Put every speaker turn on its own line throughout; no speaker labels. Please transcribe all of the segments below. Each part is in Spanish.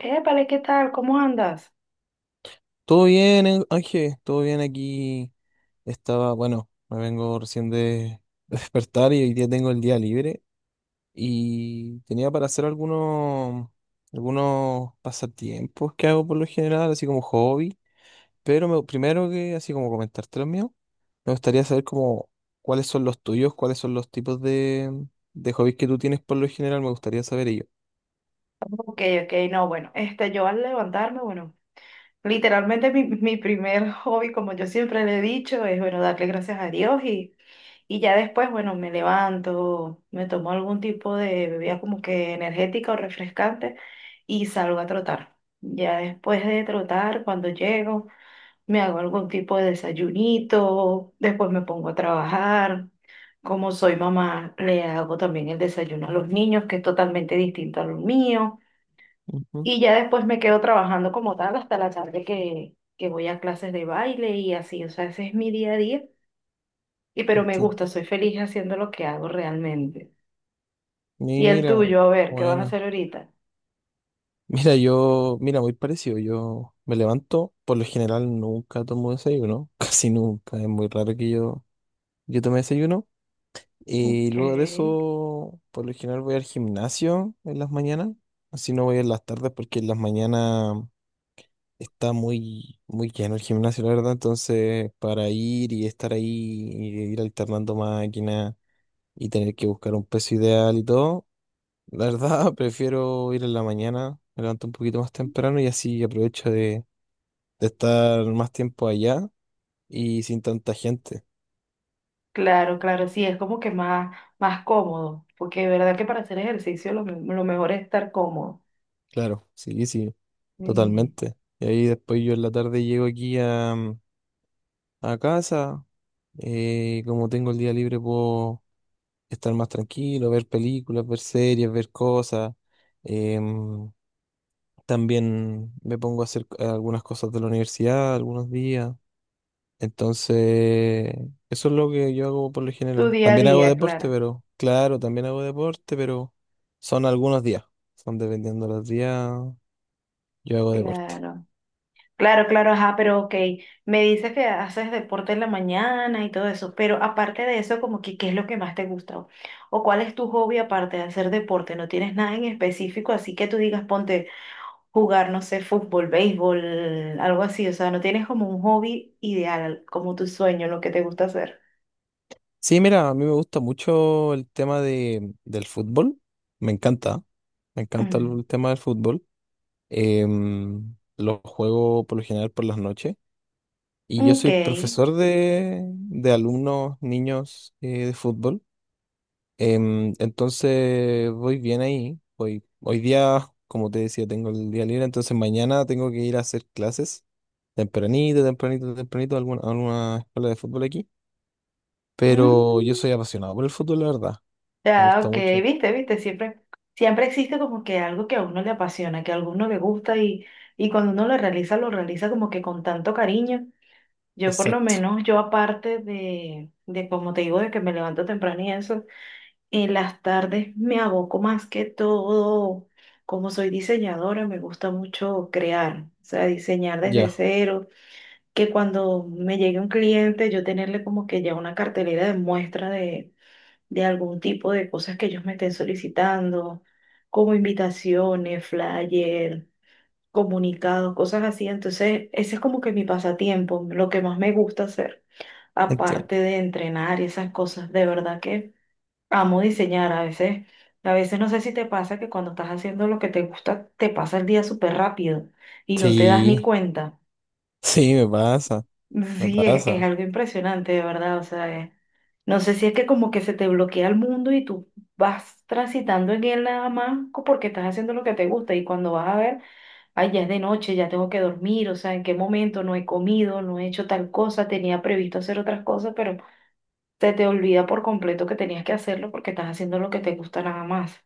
Épale, ¿qué tal? ¿Cómo andas?
Todo bien, Ángel, todo bien aquí. Estaba, bueno, me vengo recién de, de despertar y hoy día tengo el día libre y tenía para hacer algunos pasatiempos que hago por lo general, así como hobby, pero primero que así como comentarte los míos, me gustaría saber como cuáles son los tuyos, cuáles son los tipos de hobbies que tú tienes por lo general, me gustaría saber ello.
Ok, ok, no, bueno, yo al levantarme, bueno, literalmente mi primer hobby, como yo siempre le he dicho, es, bueno, darle gracias a Dios y ya después, bueno, me levanto, me tomo algún tipo de bebida como que energética o refrescante y salgo a trotar. Ya después de trotar, cuando llego, me hago algún tipo de desayunito, después me pongo a trabajar. Como soy mamá, le hago también el desayuno a los niños, que es totalmente distinto a lo mío.
Ujú,
Y ya después me quedo trabajando como tal hasta la tarde que voy a clases de baile y así. O sea, ese es mi día a día. Y pero me
entiendo.
gusta, soy feliz haciendo lo que hago realmente. Y el
Mira,
tuyo, a ver, ¿qué vas a
bueno.
hacer ahorita?
Mira, yo, mira, muy parecido. Yo me levanto, por lo general nunca tomo desayuno, casi nunca. Es muy raro que yo tome desayuno. Y
Ok,
luego de eso, por lo general voy al gimnasio en las mañanas. Así no voy en las tardes porque en las mañanas está muy, muy lleno el gimnasio, la verdad. Entonces, para ir y estar ahí y ir alternando máquinas y tener que buscar un peso ideal y todo. La verdad, prefiero ir en la mañana, me levanto un poquito más temprano y así aprovecho de estar más tiempo allá y sin tanta gente.
claro, claro, sí, es como que más, más cómodo, porque de verdad que para hacer ejercicio lo mejor es estar cómodo.
Claro, sí, sí,
Sí.
totalmente. Y ahí después yo en la tarde llego aquí a casa, y como tengo el día libre puedo estar más tranquilo, ver películas, ver series, ver cosas. Em, también me pongo a hacer algunas cosas de la universidad algunos días. Entonces, eso es lo que yo hago por lo
Tu
general.
día a
También hago
día,
deporte,
claro,
pero claro, también hago deporte, pero son algunos días. Son dependiendo de los días, yo hago deporte.
claro, claro, claro, ajá, pero ok, me dices que haces deporte en la mañana y todo eso, pero aparte de eso, como que, ¿qué es lo que más te gusta? ¿O cuál es tu hobby aparte de hacer deporte? ¿No tienes nada en específico? Así que tú digas, ponte jugar, no sé, fútbol, béisbol, algo así, o sea, no tienes como un hobby ideal, como tu sueño, lo que te gusta hacer.
Sí, mira, a mí me gusta mucho el tema de, del fútbol. Me encanta. Me encanta
Mm.
el tema del fútbol. Lo juego por lo general por las noches. Y yo
Ok.
soy profesor de alumnos, niños de fútbol. Entonces voy bien ahí. Voy, hoy día, como te decía, tengo el día libre, entonces mañana tengo que ir a hacer clases tempranito a alguna escuela de fútbol aquí. Pero yo
Mm.
soy apasionado por el fútbol, la verdad. Me
Ya,
gusta
ok,
mucho.
viste, viste, siempre, siempre existe como que algo que a uno le apasiona, que a alguno le gusta y cuando uno lo realiza como que con tanto cariño. Yo por lo
Exacto.
menos, yo aparte de como te digo, de que me levanto temprano y eso, en las tardes me aboco más que todo, como soy diseñadora, me gusta mucho crear, o sea, diseñar desde
Ya,
cero, que cuando me llegue un cliente, yo tenerle como que ya una cartelera de muestra de algún tipo de cosas que ellos me estén solicitando, como invitaciones, flyer, comunicados, cosas así. Entonces, ese es como que mi pasatiempo, lo que más me gusta hacer,
entiendo.
aparte de entrenar y esas cosas. De verdad que amo diseñar a veces. A veces no sé si te pasa que cuando estás haciendo lo que te gusta, te pasa el día súper rápido y no te das ni
Sí,
cuenta.
sí, me pasa, me
Sí, es
pasa.
algo impresionante, de verdad. O sea, no sé si es que como que se te bloquea el mundo y tú vas transitando en él nada más porque estás haciendo lo que te gusta y cuando vas a ver, ay, ya es de noche, ya tengo que dormir, o sea, en qué momento no he comido, no he hecho tal cosa, tenía previsto hacer otras cosas, pero se te olvida por completo que tenías que hacerlo porque estás haciendo lo que te gusta nada más.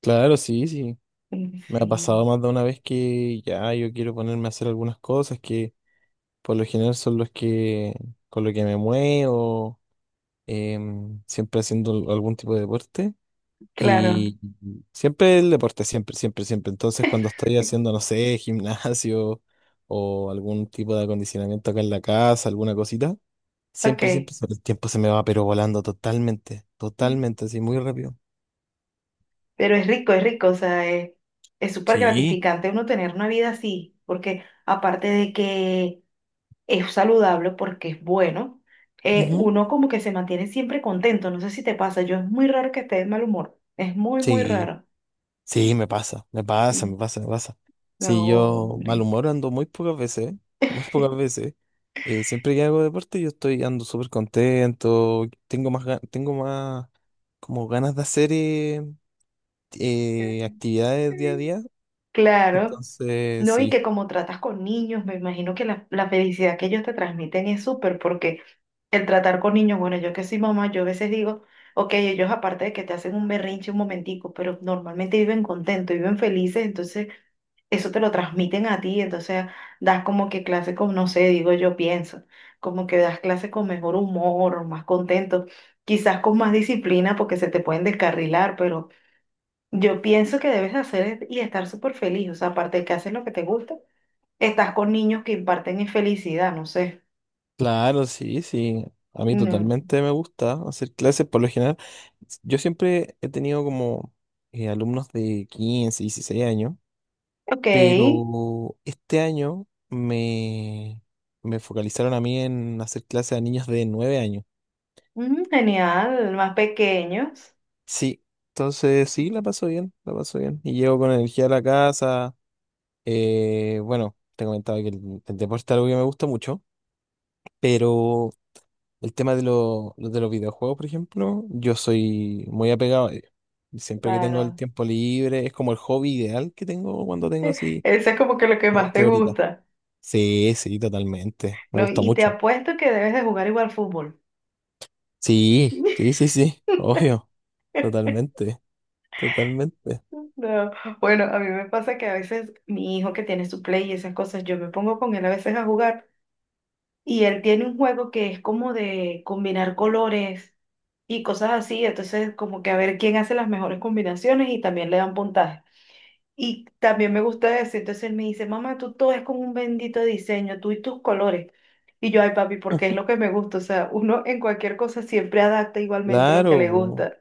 Claro, sí, sí.
Mm.
Me ha
Sí,
pasado más de una vez que ya yo quiero ponerme a hacer algunas cosas que por lo general son los que con lo que me muevo siempre haciendo algún tipo de deporte.
claro.
Y siempre el deporte, siempre, siempre, siempre. Entonces, cuando estoy haciendo, no sé, gimnasio o algún tipo de acondicionamiento acá en la casa, alguna cosita, siempre,
Ok.
siempre, siempre el tiempo se me va, pero volando totalmente, totalmente, así muy rápido.
Pero es rico, o sea, es súper
Sí.
gratificante uno tener una vida así, porque aparte de que es saludable, porque es bueno,
Ujú.
uno como que se mantiene siempre contento, no sé si te pasa, yo es muy raro que esté de mal humor, es muy, muy
Sí.
raro.
Sí, me pasa, me pasa, me
Mm.
pasa, me pasa. Sí,
No,
yo mal
hombre.
humor ando muy pocas veces, ¿eh? muy pocas veces. Siempre que hago deporte yo estoy ando súper contento, tengo más, tengo más como ganas de hacer actividades día a día.
Claro,
Entonces,
no, y que
sí,
como tratas con niños, me imagino que la felicidad que ellos te transmiten es súper, porque el tratar con niños, bueno, yo que soy mamá, yo a veces digo, ok, ellos aparte de que te hacen un berrinche un momentico, pero normalmente viven contentos, viven felices, entonces eso te lo transmiten a ti, entonces das como que clase con, no sé, digo yo pienso, como que das clase con mejor humor, más contento, quizás con más disciplina porque se te pueden descarrilar, pero yo pienso que debes de hacer y estar súper feliz, o sea, aparte de que haces lo que te gusta, estás con niños que imparten infelicidad no sé.
claro, sí, sí. A mí
Mm.
totalmente me gusta hacer clases, por lo general. Yo siempre he tenido como alumnos de 15, 16 años.
Ok.
Pero este año me focalizaron a mí en hacer clases a niños de 9 años.
Mm, genial, más pequeños,
Sí, entonces sí, la paso bien, la paso bien. Y llego con energía a la casa. Bueno, te comentaba que el deporte es algo que me gusta mucho, pero el tema de, de los videojuegos, por ejemplo, yo soy muy apegado a ellos. Siempre que tengo el
claro.
tiempo libre, es como el hobby ideal que tengo cuando tengo así
Eso es como que lo que más
dos,
te
tres horitas.
gusta,
Sí, sí, totalmente. Me
¿no?
gusta
Y te
mucho.
apuesto que debes de jugar igual fútbol.
Sí, sí, sí, sí, obvio, totalmente, totalmente.
No, bueno, a mí me pasa que a veces mi hijo que tiene su play y esas cosas, yo me pongo con él a veces a jugar y él tiene un juego que es como de combinar colores y cosas así, entonces como que a ver quién hace las mejores combinaciones y también le dan puntaje. Y también me gusta decir, entonces él me dice, mamá, tú todo es con un bendito diseño, tú y tus colores. Y yo, ay, papi, porque es
Ujú.
lo que me gusta. O sea, uno en cualquier cosa siempre adapta igualmente lo que
Claro,
le
po,
gusta.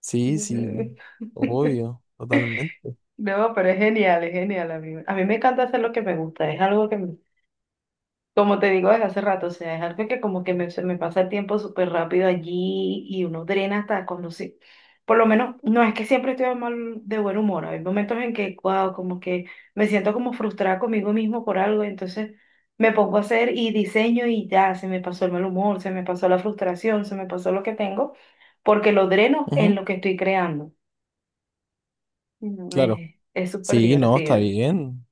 sí, sí, obvio, totalmente.
No, pero es genial, amigo. A mí me encanta hacer lo que me gusta, es algo que me Como te digo desde hace rato, o sea, es algo que como que se me pasa el tiempo súper rápido allí y uno drena hasta cuando sí. Por lo menos, no es que siempre estoy de mal, de buen humor. Hay momentos en que, wow, como que me siento como frustrada conmigo mismo por algo, entonces me pongo a hacer y diseño y ya, se me pasó el mal humor, se me pasó la frustración, se me pasó lo que tengo, porque lo dreno en
Ujú,
lo que estoy creando. Y no,
claro,
Es súper
sí, no, está
divertido.
bien.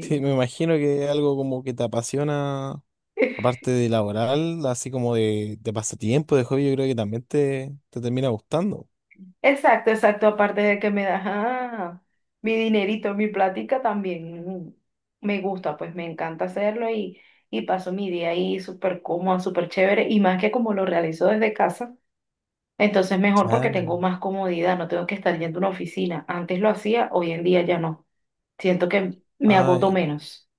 Sí, me imagino que es algo como que te apasiona, aparte de laboral, así como de pasatiempo, de hobby, yo creo que también te termina gustando.
Exacto, exacto. Aparte de que me das mi dinerito, mi plática, también me gusta, pues me encanta hacerlo y paso mi día ahí súper cómoda, súper chévere. Y más que como lo realizo desde casa, entonces mejor porque tengo
Claro.
más comodidad, no tengo que estar yendo a una oficina. Antes lo hacía, hoy en día ya no. Siento que me
Ah.
agoto menos.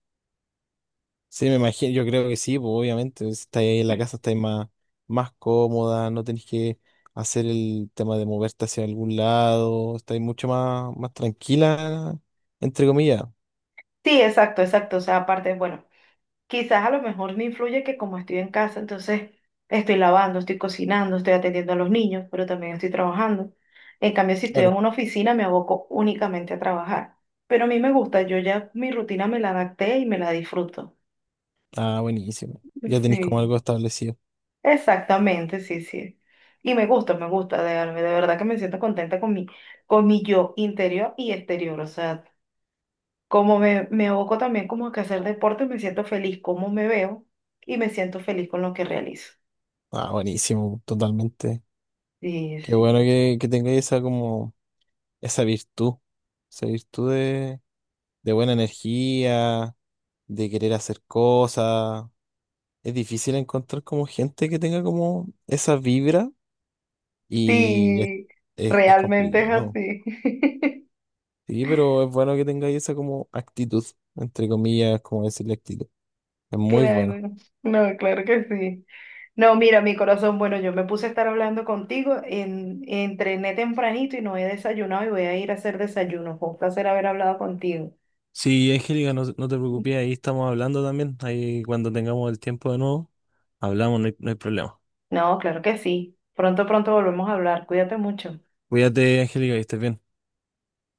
Sí, me imagino, yo creo que sí, pues obviamente, si estáis ahí en la casa, estáis más, más cómoda, no tenéis que hacer el tema de moverte hacia algún lado, estáis mucho más, más tranquila, entre comillas,
Sí, exacto, exacto. O sea, aparte, bueno. Quizás a lo mejor me influye que como estoy en casa, entonces estoy lavando, estoy cocinando, estoy atendiendo a los niños, pero también estoy trabajando. En cambio, si estoy en
claro.
una oficina, me aboco únicamente a trabajar. Pero a mí me gusta, yo ya mi rutina me la adapté y me la disfruto.
Ah, buenísimo. Ya tenéis como
Sí,
algo establecido.
exactamente, sí, sí. Y me gusta, de verdad que me siento contenta con mi yo interior y exterior. O sea, me aboco también como que a hacer deporte, me siento feliz como me veo y me siento feliz con lo que realizo.
Ah, buenísimo, totalmente.
Sí,
Qué bueno
sí.
que tengáis esa como, esa virtud, esa virtud de buena energía, de querer hacer cosas. Es difícil encontrar como gente que tenga como esa vibra. Y es,
Sí,
es
realmente es
complicado.
así.
Sí, pero es bueno que tengáis esa como actitud, entre comillas, como decirle actitud. Es muy bueno.
Claro. No, claro que sí. No, mira, mi corazón, bueno, yo me puse a estar hablando contigo, entrené tempranito y no he desayunado y voy a ir a hacer desayuno. Fue un placer haber hablado contigo.
Sí, Angélica, no, no te preocupes, ahí estamos hablando también. Ahí cuando tengamos el tiempo de nuevo, hablamos, no hay, no hay problema.
No, claro que sí. Pronto, pronto volvemos a hablar. Cuídate mucho.
Cuídate, Angélica, y estés bien.